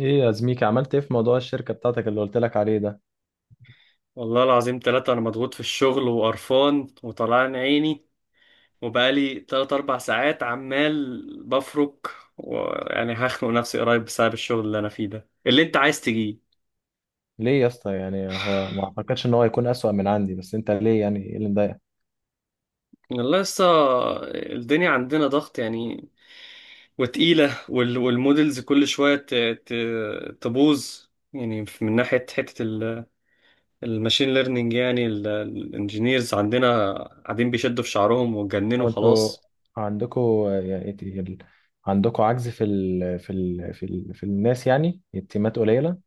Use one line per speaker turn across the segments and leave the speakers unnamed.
ايه يا زميكي عملت ايه في موضوع الشركة بتاعتك اللي قلت لك عليه ده؟
والله العظيم ثلاثة، أنا مضغوط في الشغل وقرفان وطلعان عيني وبقالي تلات أربع ساعات عمال بفرك، ويعني هخنق نفسي قريب بسبب الشغل اللي أنا فيه ده اللي أنت عايز تجيه.
ليه يا اسطى؟ يعني هو ما اعتقدش ان هو يكون اسوأ من عندي، بس انت ليه؟ يعني ايه اللي مضايقك؟
والله لسه، الدنيا عندنا ضغط يعني وتقيلة، والمودلز كل شوية تبوظ، يعني من ناحية حتة الماشين ليرنينج، يعني الانجينيرز عندنا قاعدين بيشدوا في شعرهم واتجننوا
هو انتوا
خلاص.
عندكوا يعني عندكوا عجز في ال... في ال... في ال... في الناس يعني التيمات قليلة؟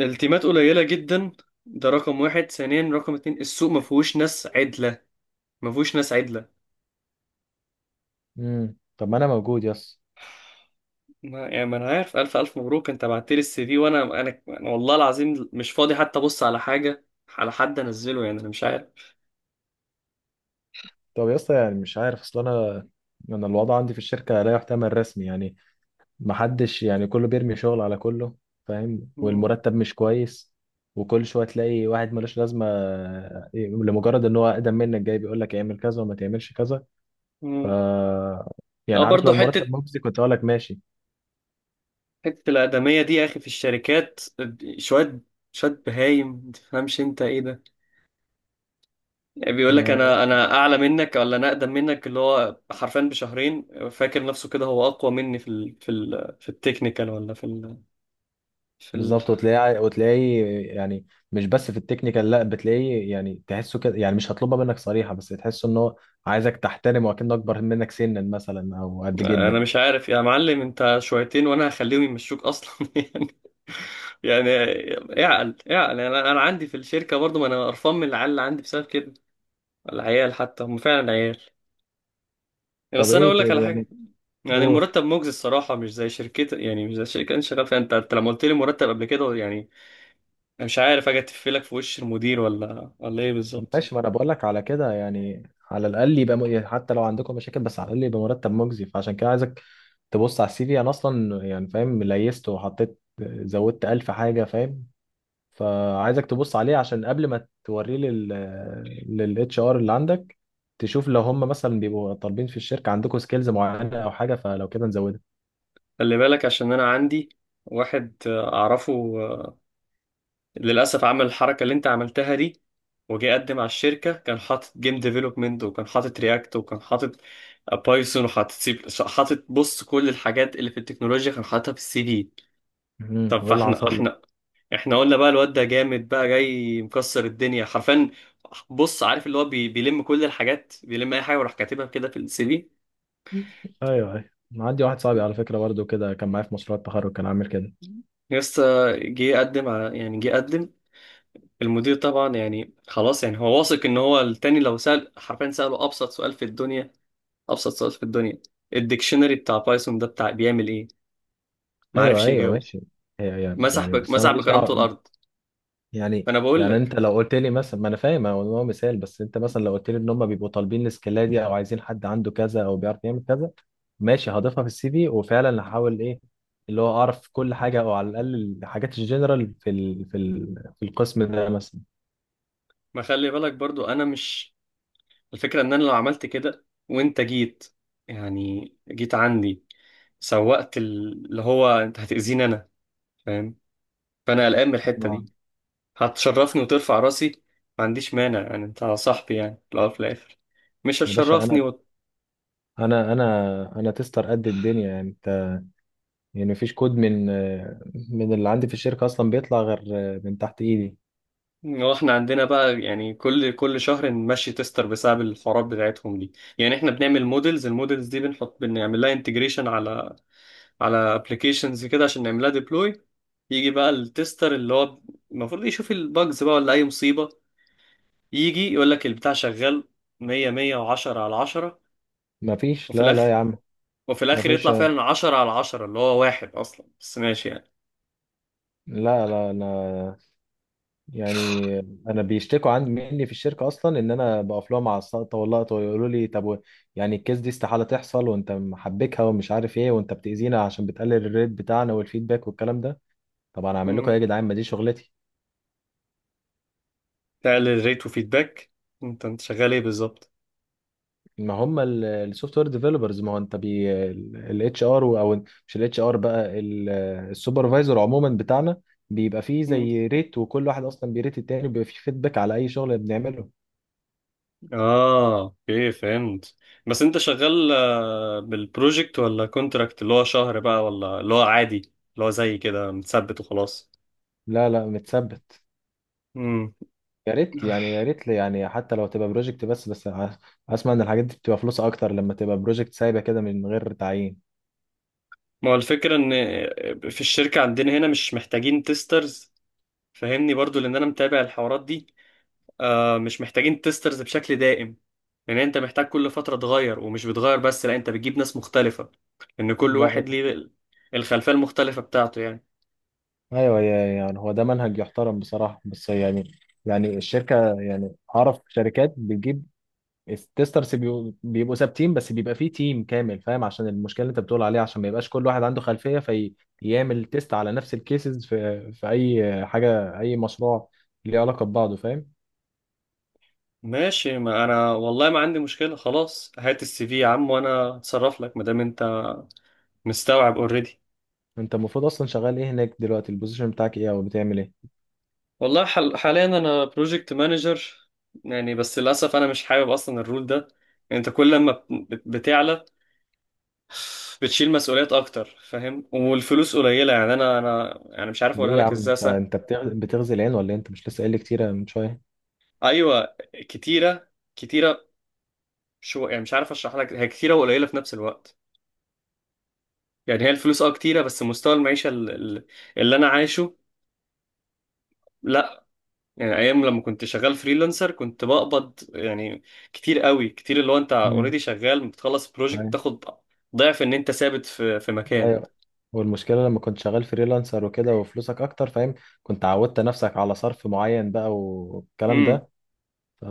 التيمات قليلة جدا، ده رقم واحد. ثانيا رقم اتنين، السوق ما فيهوش ناس عدلة، ما فيهوش ناس عدلة.
طب ما انا موجود يا اسطى.
ما يعني، ما انا عارف، الف الف مبروك، انت بعت لي السي في، وانا انا أنا والله العظيم مش فاضي حتى ابص على حاجة، على حد انزله يعني، انا مش عارف.
طب يا اسطى، يعني مش عارف، اصل انا الوضع عندي في الشركة لا يحتمل رسمي. يعني محدش، يعني كله بيرمي شغل على كله، فاهم؟
مم.
والمرتب مش كويس، وكل شويه تلاقي واحد ملوش لازمه آه، إيه، لمجرد ان هو اقدم منك جاي بيقول لك اعمل كذا وما تعملش كذا. ف
مم. اه
يعني عارف،
برضه،
لو
حتة
المرتب مجزي كنت اقول لك ماشي.
حتة الآدمية دي يا اخي في الشركات، شوية شوية بهايم متفهمش انت ايه ده. يعني بيقول لك انا
آه،
انا اعلى منك ولا انا اقدم منك، اللي هو حرفيا بشهرين، فاكر نفسه كده هو اقوى مني في ال في التكنيكال ولا في ال في ال
بالظبط. وتلاقيه يعني مش بس في التكنيكال، لا، بتلاقيه يعني تحسه كده، يعني مش هطلبها منك صريحه بس تحسه ان هو عايزك تحترمه وكأنه اكبر منك سنا مثلا او قد
انا
جدك.
مش عارف يا معلم، انت شويتين وانا هخليهم يمشوك اصلا يعني. يعني اعقل اعقل، يعني انا عندي في الشركه برضو، ما انا قرفان من العيال اللي عندي بسبب كده، العيال حتى هم فعلا عيال.
طب
بس انا
ايه
اقول لك على
يعني
حاجه، يعني
قول.
المرتب مجزي الصراحه، مش زي شركتك، يعني مش زي الشركه اللي انت شغال فيها. انت لما قلت لي مرتب قبل كده يعني، انا مش عارف اجي اتفلك في وش المدير ولا ايه بالظبط.
ماشي، ما انا بقول لك على كده يعني. على الاقل يبقى حتى لو عندكم مشاكل بس على الاقل يبقى مرتب مجزي. فعشان كده عايزك تبص على السي في. انا اصلا يعني فاهم ليست وحطيت، زودت ألف حاجه، فاهم؟ فعايزك تبص عليه عشان قبل ما توريه للاتش ار اللي عندك، تشوف لو هم مثلا بيبقوا طالبين في الشركه عندكم سكيلز معينه او حاجه، فلو كده نزودها.
خلي بالك، عشان انا عندي واحد اعرفه، آه، للاسف عمل الحركه اللي انت عملتها دي، وجي يقدم على الشركه، كان حاطط جيم ديفلوبمنت، وكان حاطط رياكت، وكان حاطط بايثون، وحاطط سي، حاطط، بص، كل الحاجات اللي في التكنولوجيا كان حاططها في السي في. طب
وايه اللي
فاحنا
حصل لك؟
احنا احنا قلنا بقى الواد ده جامد بقى، جاي مكسر الدنيا حرفيا، بص، عارف اللي هو بيلم كل الحاجات، بيلم اي حاجه وراح كاتبها كده في السي في.
ايوه ايوه، عندي واحد صاحبي على فكره برضه كده، كان معايا في مشروع التخرج كان عامل كده.
يس، جه قدم على يعني جه قدم، المدير طبعا يعني خلاص يعني، هو واثق ان هو التاني، لو سأل حرفيا سأله ابسط سؤال في الدنيا، ابسط سؤال في الدنيا، الديكشنري بتاع بايثون ده بتاع بيعمل ايه، ما
ايوه
عرفش
ايوه
يجاوب،
ماشي. هي يعني، يعني بس انا
مسح
ماليش
بكرامته
دعوه.
الارض.
يعني
فانا بقول
يعني انت
لك،
لو قلت لي مثلا، ما انا فاهم هو إن هو مثال، بس انت مثلا لو قلت لي ان هم بيبقوا طالبين السكيلات دي او عايزين حد عنده كذا او بيعرف يعمل كذا، ماشي هضيفها في السي في وفعلا هحاول ايه اللي هو اعرف كل حاجه، او على الاقل الحاجات الجنرال في ال في ال في القسم ده مثلا.
ما خلي بالك برضو، انا مش، الفكرة ان انا لو عملت كده وانت جيت، يعني جيت عندي، سوقت اللي هو، انت هتأذيني انا فاهم، فانا قلقان من الحتة
آه.
دي. هتشرفني وترفع راسي، ما عنديش مانع يعني، انت صاحبي يعني في الاول وفي الاخر، مش
يا باشا،
هتشرفني
انا
و...
انا تستر قد الدنيا يعني. انت يعني مفيش كود من اللي عندي في الشركه اصلا بيطلع غير من تحت ايدي.
واحنا عندنا بقى يعني كل شهر نمشي تستر بسبب الحوارات بتاعتهم دي. يعني احنا بنعمل مودلز، المودلز دي بنحط، بنعمل لها انتجريشن على ابلكيشنز كده عشان نعمل لها ديبلوي، يجي بقى التستر اللي هو المفروض يشوف الباجز بقى ولا اي مصيبة، يجي يقول لك البتاع شغال 100 110 على 10.
مفيش،
وفي
لا لا
الاخر،
يا عم.
وفي
ما
الاخر
فيش،
يطلع فعلا 10 على 10، اللي هو واحد اصلا، بس ماشي يعني.
لا لا. انا يعني انا بيشتكوا عندي مني في الشركه اصلا ان انا بقف لهم على السقطه واللقطه، ويقولوا لي طب يعني الكيس دي استحاله تحصل وانت محبكها ومش عارف ايه، وانت بتاذينا عشان بتقلل الريت بتاعنا والفيدباك والكلام ده. طب انا اعمل لكم
مم.
ايه يا جدعان؟ ما دي شغلتي.
تعمل ريت وفيدباك؟ انت شغال ايه بالظبط؟
ما هم السوفت وير ديفلوبرز. ما هو انت بي الاتش ار، او مش الاتش ار بقى، السوبرفايزر عموما بتاعنا، بيبقى فيه
مم.
زي ريت، وكل واحد اصلا بيريت التاني، وبيبقى فيه فيدباك على اي شغل بنعمله.
اه اوكي، فهمت. بس انت شغال بالبروجكت ولا كونتراكت اللي هو شهر بقى، ولا اللي هو عادي اللي هو زي كده متثبت وخلاص؟
لا لا، متثبت.
مم.
يا ريت يعني، يا ريت لي يعني حتى لو تبقى بروجكت، بس بس اسمع، ان الحاجات دي بتبقى فلوس اكتر لما تبقى بروجكت سايبه كده من غير تعيين.
ما هو الفكرة ان في الشركة عندنا هنا مش محتاجين تيسترز، فاهمني برضو، لان انا متابع الحوارات دي. مش محتاجين تيسترز بشكل دائم، لان انت محتاج كل فتره تغير، ومش بتغير بس، لا، انت بتجيب ناس مختلفه، لان كل
لا إيه
واحد
ده؟
ليه الخلفيه المختلفه بتاعته يعني.
ايوه يعني هو ده منهج يحترم بصراحه، بس يعني يعني الشركه، يعني اعرف شركات بتجيب التسترس، بيبقوا ثابتين، بس بيبقى فيه تيم كامل فاهم، عشان المشكله اللي انت بتقول عليها، عشان ما يبقاش كل واحد عنده خلفيه فيعمل تيست على نفس الكيسز في اي حاجه اي مشروع ليه علاقه ببعضه، فاهم؟
ماشي، ما انا والله ما عندي مشكله خلاص، هات السي في يا عم وانا اتصرف لك، ما دام انت مستوعب اوريدي.
انت المفروض اصلا شغال ايه هناك دلوقتي؟ البوزيشن بتاعك ايه او بتعمل ايه؟
والله حاليا انا بروجكت مانجر، يعني بس للاسف انا مش حابب اصلا الرول ده. انت كل لما بتعلى، بتشيل مسؤوليات اكتر فاهم، والفلوس قليله يعني، انا يعني مش عارف
ليه
اقولها
يا
لك
عم؟
ازاي.
انت بتغزي العين ولا ايه؟ انت مش لسه قايل لي كتير يعني من شويه؟
ايوه، كتيره، كتيره. شو يعني، مش عارف اشرح لك، هي كتيره وقليله في نفس الوقت. يعني هي الفلوس اه كتيره، بس مستوى المعيشه اللي انا عايشه، لا. يعني ايام لما كنت شغال فريلانسر، كنت بقبض يعني كتير قوي، كتير، اللي هو انت اوريدي
امم
شغال بتخلص بروجكت
ايوه
تاخد ضعف ان انت ثابت في مكان.
ايوه. والمشكله لما كنت شغال فريلانسر وكده وفلوسك اكتر، فاهم؟ كنت عودت نفسك على صرف معين بقى والكلام
امم
ده. ف...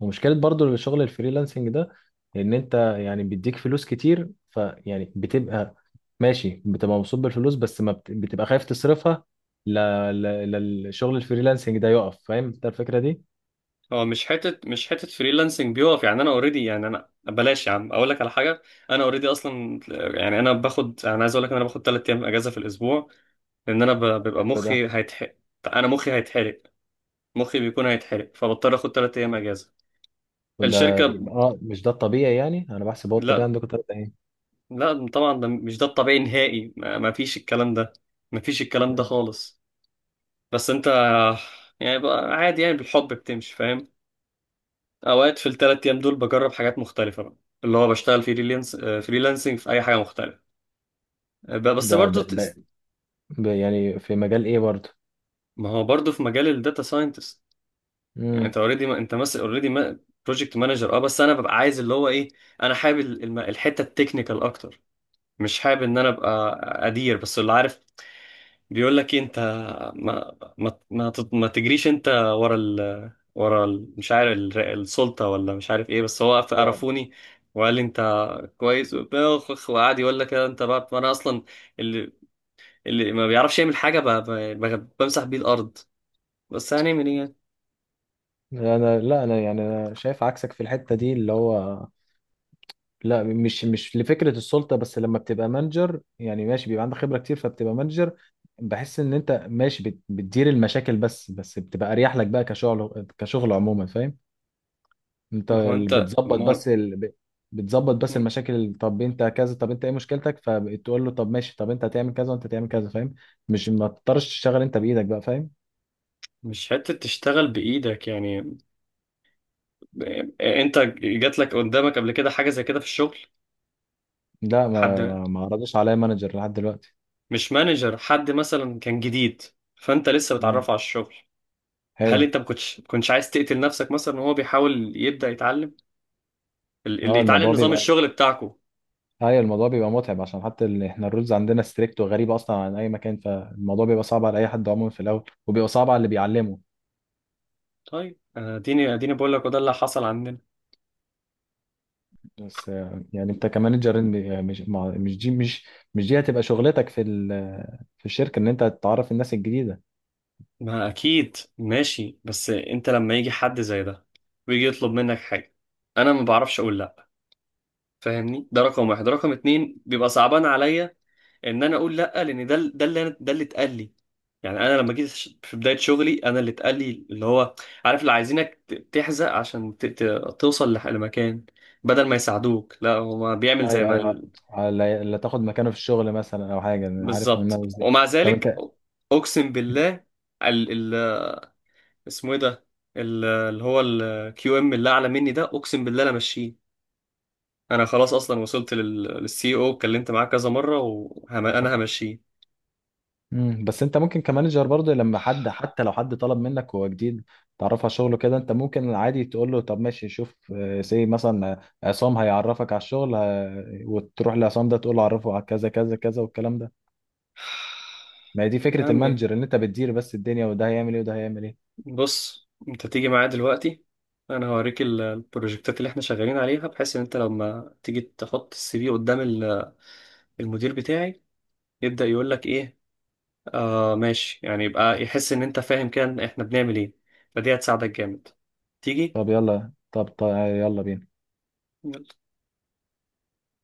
ومشكله برضو الشغل الفريلانسنج ده، ان انت يعني بيديك فلوس كتير، فيعني بتبقى ماشي، بتبقى مبسوط بالفلوس، بس ما بت... بتبقى خايف تصرفها، ل... ل... للشغل الفريلانسنج ده يقف، فاهم انت الفكره دي؟
هو مش حته، فريلانسنج بيقف، يعني انا اوريدي يعني، انا بلاش يا عم اقول لك على حاجه، انا اوريدي اصلا، يعني انا باخد، انا عايز اقول لك إن انا باخد 3 ايام اجازه في الاسبوع، لان انا بيبقى
حلو ده.
مخي هيتحرق، انا مخي هيتحرق، مخي بيكون هيتحرق، فبضطر اخد ثلاث ايام اجازه. الشركه،
اه مش ده الطبيعي يعني؟ انا بحسب هو الطبيعي
لا،
عندكم تلاتة ايه.
لا طبعا ده مش ده الطبيعي نهائي، ما فيش الكلام ده، ما فيش الكلام ده
مم.
خالص. بس انت يعني بقى عادي، يعني بالحب بتمشي فاهم، اوقات في الثلاث ايام دول بجرب حاجات مختلفه بقى، اللي هو بشتغل فريلانس فريلانسنج في اي حاجه مختلفه، بس
ده
برضو
يعني في مجال ايه برضه؟
ما هو برضو في مجال الداتا ساينتست. يعني
امم
انت اوريدي ما... انت مثلا اوريدي بروجكت مانجر، اه بس انا ببقى عايز اللي هو ايه، انا حابب الحته التكنيكال اكتر، مش حابب ان انا ابقى ادير بس. اللي عارف بيقول لك إيه، انت ما ما ما, ما تجريش انت ورا ال مش عارف السلطه، ولا مش عارف ايه، بس هو
ده
عرفوني وقال لي انت كويس وبتاع، وقعد يقول لك انت بقى، ما انا اصلا اللي اللي ما بيعرفش يعمل حاجه بمسح بيه الارض، بس هنعمل ايه يعني؟
انا، لا انا يعني انا شايف عكسك في الحتة دي اللي هو، لا مش لفكرة السلطة، بس لما بتبقى مانجر يعني ماشي بيبقى عندك خبرة كتير فبتبقى مانجر، بحس ان انت ماشي بتدير المشاكل بس، بس بتبقى اريح لك بقى كشغل كشغل عموما، فاهم؟ انت
ما هو انت،
بتظبط
ما
بس بتظبط بس
هو
المشاكل طب انت كذا، طب انت ايه مشكلتك؟ فتقول له طب ماشي، طب انت هتعمل كذا وانت هتعمل كذا، فاهم؟ مش ما تضطرش تشتغل انت بايدك بقى، فاهم؟
مش حتة تشتغل بإيدك يعني. أنت جات لك قدامك قبل كده حاجة زي كده في الشغل؟
لا، ما
حد،
ما ما عرضش عليا مانجر لحد دلوقتي.
مش مانجر، حد مثلا كان جديد فأنت لسه
اه
بتعرفه على الشغل، هل
حلو.
أنت ما كنتش عايز تقتل نفسك مثلا وهو بيحاول يبدأ يتعلم اللي
اه،
يتعلم
الموضوع
نظام
بيبقى،
الشغل بتاعكو؟
ايوه الموضوع بيبقى متعب، عشان حتى احنا الرولز عندنا ستريكت وغريبه اصلا عن اي مكان، فالموضوع بيبقى صعب على اي حد عموما في الاول، وبيبقى صعب على اللي بيعلمه.
طيب أنا أديني أديني بقول لك، وده اللي حصل عندنا.
بس يعني انت كمانجر، مش دي، مش دي هتبقى شغلتك في في الشركه، ان انت تعرف الناس الجديده.
ما أكيد ماشي، بس أنت لما يجي حد زي ده ويجي يطلب منك حاجة، أنا ما بعرفش أقول لأ فاهمني، ده رقم واحد، رقم اتنين بيبقى صعبان عليا ان انا اقول لا، لان ده اللي ده اللي اتقال لي. يعني انا لما جيت في بدايه شغلي، انا اللي اتقال لي اللي هو عارف، اللي عايزينك تحزق عشان توصل لمكان، بدل ما يساعدوك، لا هو بيعمل زي
ايوه
ما
ايوه، اللي تاخد مكانه في الشغل مثلا او حاجه، انا عارف هو
بالظبط،
الناس دي.
ومع
طب
ذلك
انت.
اقسم بالله، ال اسمه ايه ده، اللي هو الكيو ام اللي اعلى مني ده، اقسم بالله انا ماشيه، انا خلاص اصلا وصلت للسي او، اتكلمت معاه كذا مره وانا همشيه.
مم. بس انت ممكن كمانجر برضه لما حد، حتى لو حد طلب منك وهو جديد تعرف على شغله كده، انت ممكن عادي تقول له طب ماشي شوف، سي مثلا، عصام هيعرفك على الشغل اه، وتروح لعصام ده تقول له عرفه على كذا كذا كذا والكلام ده. ما هي دي
يا
فكرة
عم
المانجر، ان انت بتدير بس الدنيا وده هيعمل ايه وده هيعمل ايه.
بص، انت تيجي معايا دلوقتي، انا هوريك البروجكتات اللي احنا شغالين عليها، بحيث ان انت لما تيجي تحط السي في قدام المدير بتاعي، يبدأ يقول لك ايه، آه ماشي يعني، يبقى يحس ان انت فاهم كان احنا بنعمل ايه، فدي هتساعدك جامد، تيجي.
طب يلا، طب, طب يلا بينا.